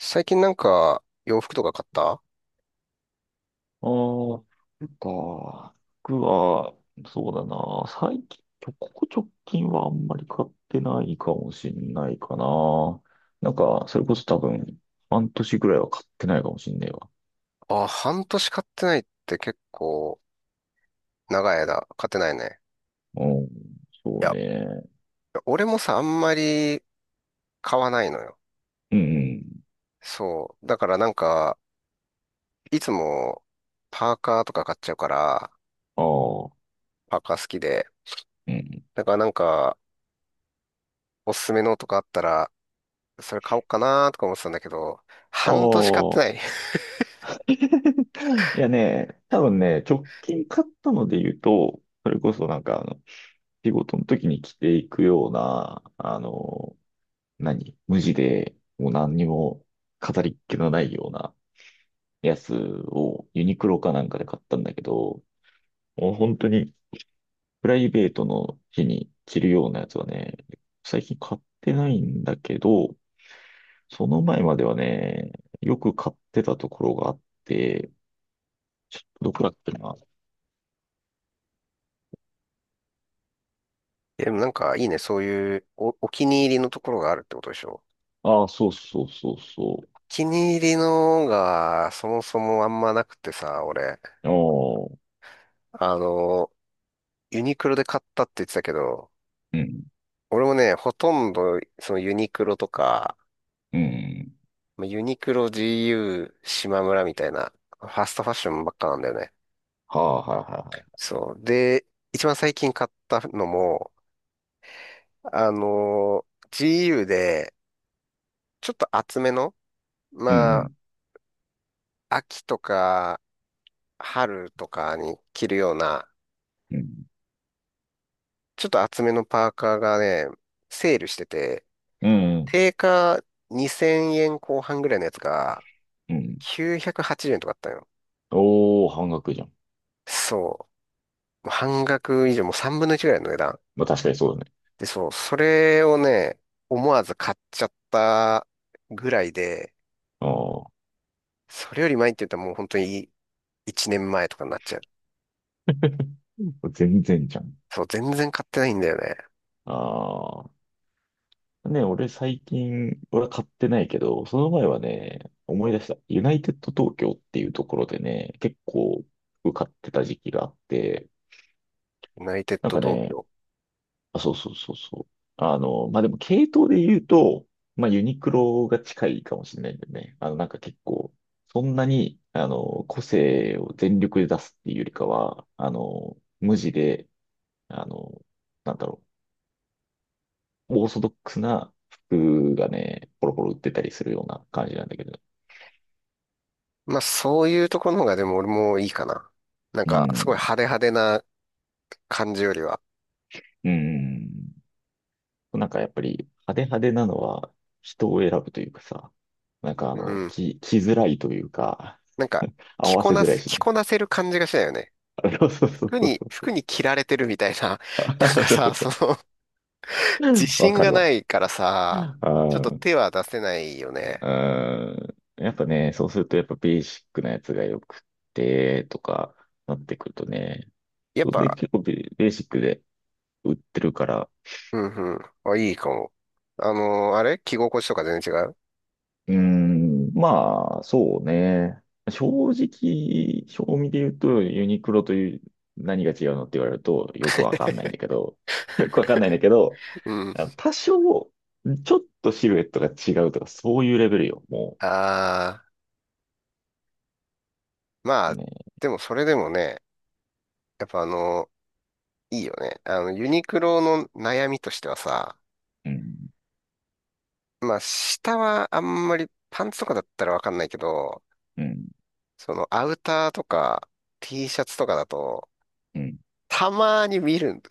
最近なんか洋服とか買った？ああ、なんか、僕は、そうだな、最近、ここ直近はあんまり買ってないかもしんないかな。なんか、それこそ多分、半年ぐらいは買ってないかもしんねえわ。あ、半年買ってないって結構長い間買ってないね。うん、いそうや、ね。俺もさ、あんまり買わないのよ。うん、そう。だからいつもパーカーとか買っちゃうから、ああ、パーカー好きで。うん。だからおすすめのとかあったら、それ買おうかなとか思ってたんだけど、半年買ってあない。あ、いやね、多分ね、直近買ったので言うと、それこそなんか、あの、仕事の時に着ていくような、あの、何無地で、もう何にも飾りっ気のないようなやつをユニクロかなんかで買ったんだけど、もう本当にプライベートの日に着るようなやつはね、最近買ってないんだけど、その前まではね、よく買ってたところがあって、ちょっとどこだっけな。でもなんかいいね、そういうお気に入りのところがあるってことでしょ？ああ、そうそうそうそう。お気に入りのがそもそもあんまなくてさ、俺。ああ、あの、ユニクロで買ったって言ってたけど、うん、俺もね、ほとんど、そのユニクロとか、うん。まあユニクロ、GU、島村みたいな、ファストファッションばっかなんだよね。はあ、はいはいはそう。で、一番最近買ったのも、あの、GU で、ちょっと厚めの、い。うまん、あ、秋とか、春とかに着るような、うん、ちょっと厚めのパーカーがね、セールしてて、うん、定価2000円後半ぐらいのやつが、うん、うん。980円とかあったよ。おー、半額じゃん。そう。もう半額以上、もう3分の1ぐらいの値段。まあ確かにそうだね。で、そう、それをね、思わず買っちゃったぐらいで、ああ、それより前って言ったらもう本当に1年前とかになっちゃう。全然じゃん。そう、全然買ってないんだよね。ああ。ね、俺最近、俺は買ってないけど、その前はね、思い出した。ユナイテッド東京っていうところでね、結構服買ってた時期があって、ユナイテッなんドか東ね、京。あ、そうそうそうそう。あの、まあ、でも系統で言うと、まあ、ユニクロが近いかもしれないんだよね。あの、なんか結構、そんなに、あの、個性を全力で出すっていうよりかは、あの、無地で、あの、なんだろう。オーソドックスな服がね、ポロポロ売ってたりするような感じなんだけど。まあ、そういうところの方がでも俺もいいかな。うすん。ごい派手派手な感じよりは。うん。なんかやっぱり派手派手なのは人を選ぶというかさ、なんかあうの、ん。着づらいというか、なんか、合わせづらいし着ね。こなせる感じがしないよね。そうそうそうそうそ服う。に着られてるみたいな。なん かそうさ、そその自う。わ信かがるなわ。いからうん。さ、あちょっとー手は出せないよね。うん。やっぱね、そうするとやっぱベーシックなやつがよくて、とかなってくるとね。やっで、ぱ、結構ベベーシックで売ってるから、うんうん。あ、いいかも。あれ着心地とか全然違う？ うーん、まあ、そうね。正直、正味で言うと、ユニクロという何が違うのって言われると、よくわかんないんだけど、よくわかんないんだけど、うん。あの多少、ちょっとシルエットが違うとか、そういうレベルよ、もああ、まう。あ、ね。でもそれでもね、やっぱあのいいよね。あの、ユニクロの悩みとしてはさ、うん、まあ、下はあんまりパンツとかだったらわかんないけど、うん、そのアウターとか T シャツとかだと、うん。たまに見るん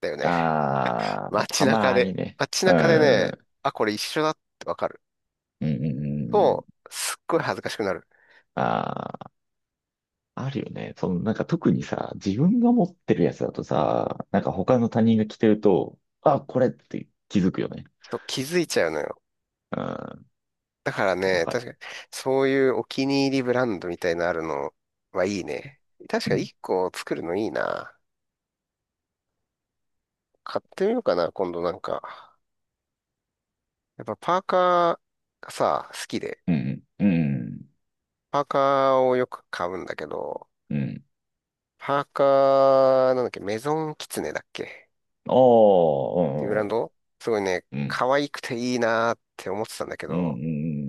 だよね。あー、まあ、街た中まにで、ね。街うん、中でね、うあ、これ一緒だってわかるん、うん。うと、んすっごい恥ずかしくなる。あーあるよね。その、なんか特にさ、自分が持ってるやつだとさ、なんか他の他人が着てると、あ、これって気づくよね。ちょっと気づいちゃうのよ。うん、だからわね、か確る。かに、そういうお気に入りブランドみたいなのあるのはいいね。確うかにん、1個作るのいいな。買ってみようかな、今度なんか。やっぱパーカーがさ、好きで。うん、うん、パーカーをよく買うんだけど、うん。パーカー、なんだっけ、メゾンキツネだっけっあていうブランあ、ドすごいね、うん、可愛くていいなーって思ってたんだけうん、うん、うど、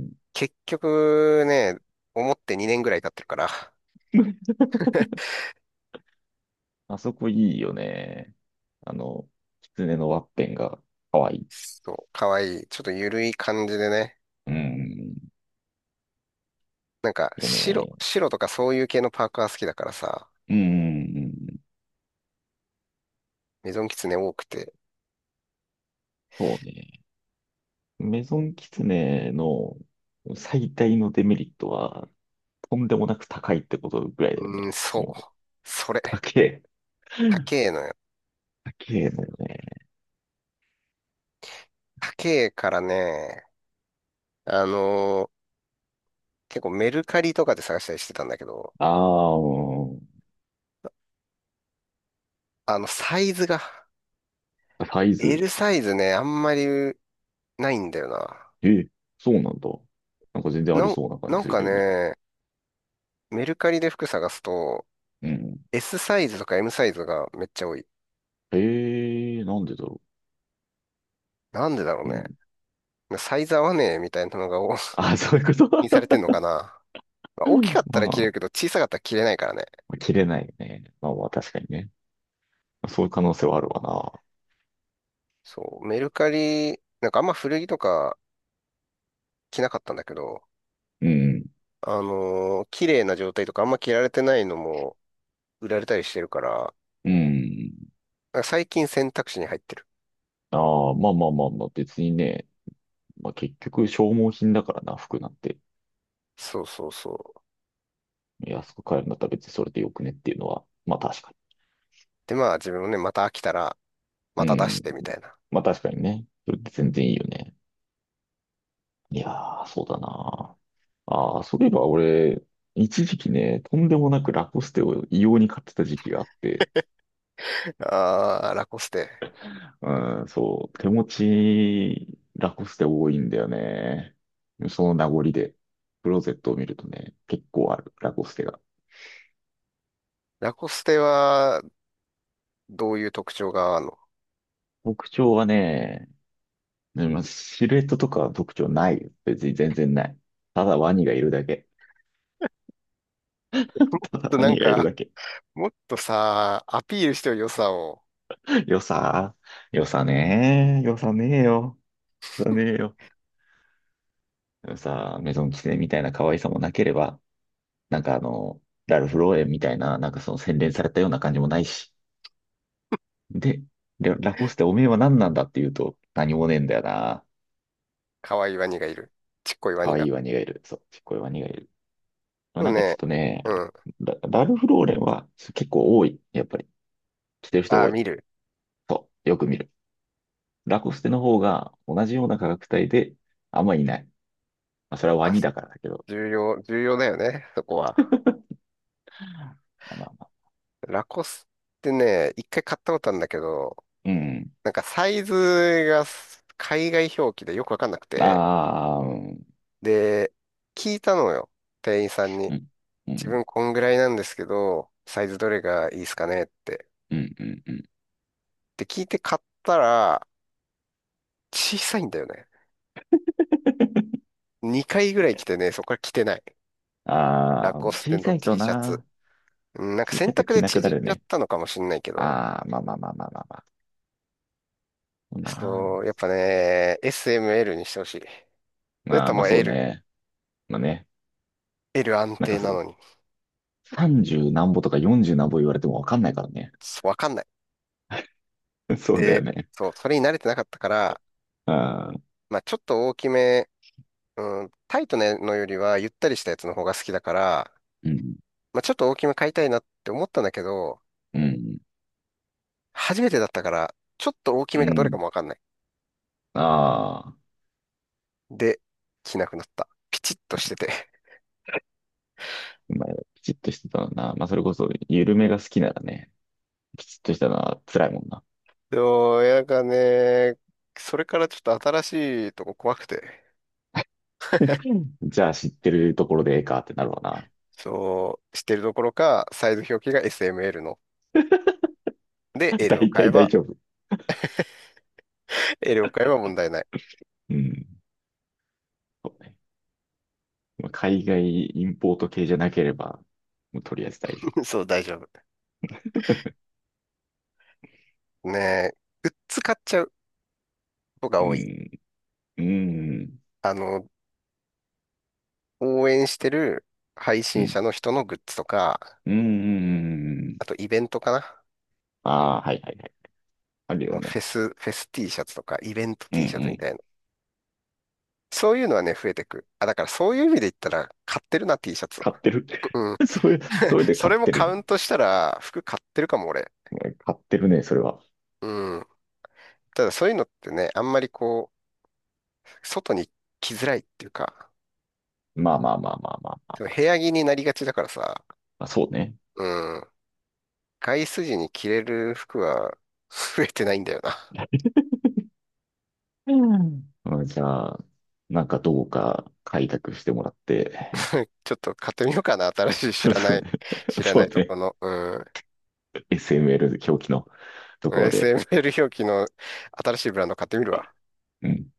ん。うん結局ね、思って2年ぐらい経ってるから、あそこいいよね。あの、狐のワッペンが可愛いい。そう、かわいい。ちょっとゆるい感じでね。うん、いやね。白とかそういう系のパーカー好きだからさ、うん、メゾンキツネ多くて。そうね。メゾン狐の最大のデメリットは、とんでもなく高いってことぐらいだようーん、ね。そう。もう、それ。高え。高えのよ。高えのよね。高えからね、あのー結構メルカリとかで探したりしてたんだけど、ああ、うん。サイズが、サイズ。L サイズね、あんまりないんだよな。え、そうなんだ。なんか全然あなりん、そうな感なじんするかけどね。ね、メルカリで服探すと、うん。S サイズとか M サイズがめっちゃ多い。ええーなんでだろなんでだろうう。うね。ん。サイズ合わねえみたいなのが多 あ、そういうこと にされてんのかな。ま あう大んきかっまたあ らまあ、着れまるけど、小さかったら着れないからね。あ切れないよね。まあまあ、確かにね。そういう可能性はあるわな。そう、メルカリ、なんかあんま古着とか着なかったんだけど、うん。あのー綺麗な状態とかあんま着られてないのも売られたりしてるから、うん。なんか最近選択肢に入ってる。ああ、まあまあまあまあ、別にね。まあ結局消耗品だからな、服なんて。そうそうそう。安く買えるんだったら別にそれでよくねっていうのは、まあ確かで、まあ自分もね、また飽きたら、に。まうた出しん。てみたいな。まあ確かにね。それって全然いいよね。いやー、そうだな。ああ、そういえば俺、一時期ね、とんでもなくラコステを異様に買ってた時期があって、あー、ラコステ。うん、そう、手持ち、ラコステ多いんだよね。その名残で、クローゼットを見るとね、結構ある、ラコステが。ラコステは、どういう特徴がある特徴はね、でもシルエットとかは特徴ないよ。別に全然ない。ただワニがいるだけ。ただの？ワなんニがいるか、だけ。もっとさ、アピールしてよ、良さを。よさ、よさねー、よさねーよ。だねえよ。でもさ、メゾンキセみたいな可愛さもなければ、なんかあの、ラルフローレンみたいな、なんかその洗練されたような感じもないし。で、ララコステおめえは何なんだって言うと、何もねえんだよな。可愛いワニがいる。ちっこいワ可ニ愛が。いワニがいる。そう、ちっこいワニがいる。まあでもなんかちょっね、とね、うん。ラルフローレンは結構多い。やっぱり。着てる人あー、多い。見る。そう、よく見る。ラコステの方が同じような価格帯で、あんまいない。まあそれはワあ、ニだからだけど。重要だよね、そこは。まあまあまあ。ラコスってね、一回買ったことあるんだけど、うん。なんかサイズが海外表記でよくわかんなくて、ああ、うん。で、聞いたのよ、店員さんに。うん。う自ん分こんぐらいなんですけど、サイズどれがいいですかねって。うんうんうん。で、聞いて買ったら、小さいんだよね。2回ぐらい着てね、そこから着てない。あラあ、コステ小の さい T とシャツ。な、うんなんか小さい選と択着でなくな縮んるじゃっね。たのかもしんないけど、ああ、まあまあまあまあまあまあ。そうそなう、やっぱね、SML にしてほしい。あ。それまあとまあも そう L、ね。まあね。L 安なんか定なそのに、さんじゅう、30何歩とか40何歩言われてもわかんないからね。そうわかんない。そうだよで、ね。そう、それに慣れてなかったから、ああ、まあちょっと大きめ、うん、タイトなのよりはゆったりしたやつの方が好きだから、うん、まあちょっと大きめ買いたいなって思ったんだけど、うん、初めてだったから、ちょっと大きうめがどれん。かもわかんない。ああ、で、着なくなった。ピチッとしてて。まあ、きちっとしてたのな。まあそれこそ、緩めが好きならね、きちっとしたのは辛いもんな。そう、いやなんかね、それからちょっと新しいとこ怖くて。じゃあ知ってるところでええかってなるわな。そう、してるどころか、サイズ表記が SML の。で、大 L を買体え大ば、丈夫。L を買えば問題ない。うん。そうねまあ海外インポート系じゃなければ、もうとりあえず大丈夫。そう、大丈 夫。ねえ、グッズ買っちゃうことがう多い。ん、うん、あの、応援してる配う信者ん、の人のグッズとか、うん、うあん。とイベントかな。ああー、はいはいはい。あるあよのね。フェス T シャツとか、イベント うんう T シャツみん。たいな。そういうのはね、増えてく。あ、だからそういう意味で言ったら、買ってるな、T シャツ。買ってる。うん。それ、それでそ買っれもてカる。ウントしたら、服買ってるかも、俺。買ってるね、それは。うん。ただそういうのってね、あんまりこう、外に着づらいっていうか、まあまあまあまあまあそのまあ。部屋着になりがちだからさ、まあそうね。うん、外出時に着れる服は 増えてないんだよな。うんうんじゃあ、なんかどうか開拓してもらって、ちょっと買ってみようかな、新しい 知らそなうい、ね。知らなそういとこね。の、うん、SML 狂気のところで。SML 表記の新しいブランド買ってみるわ。うん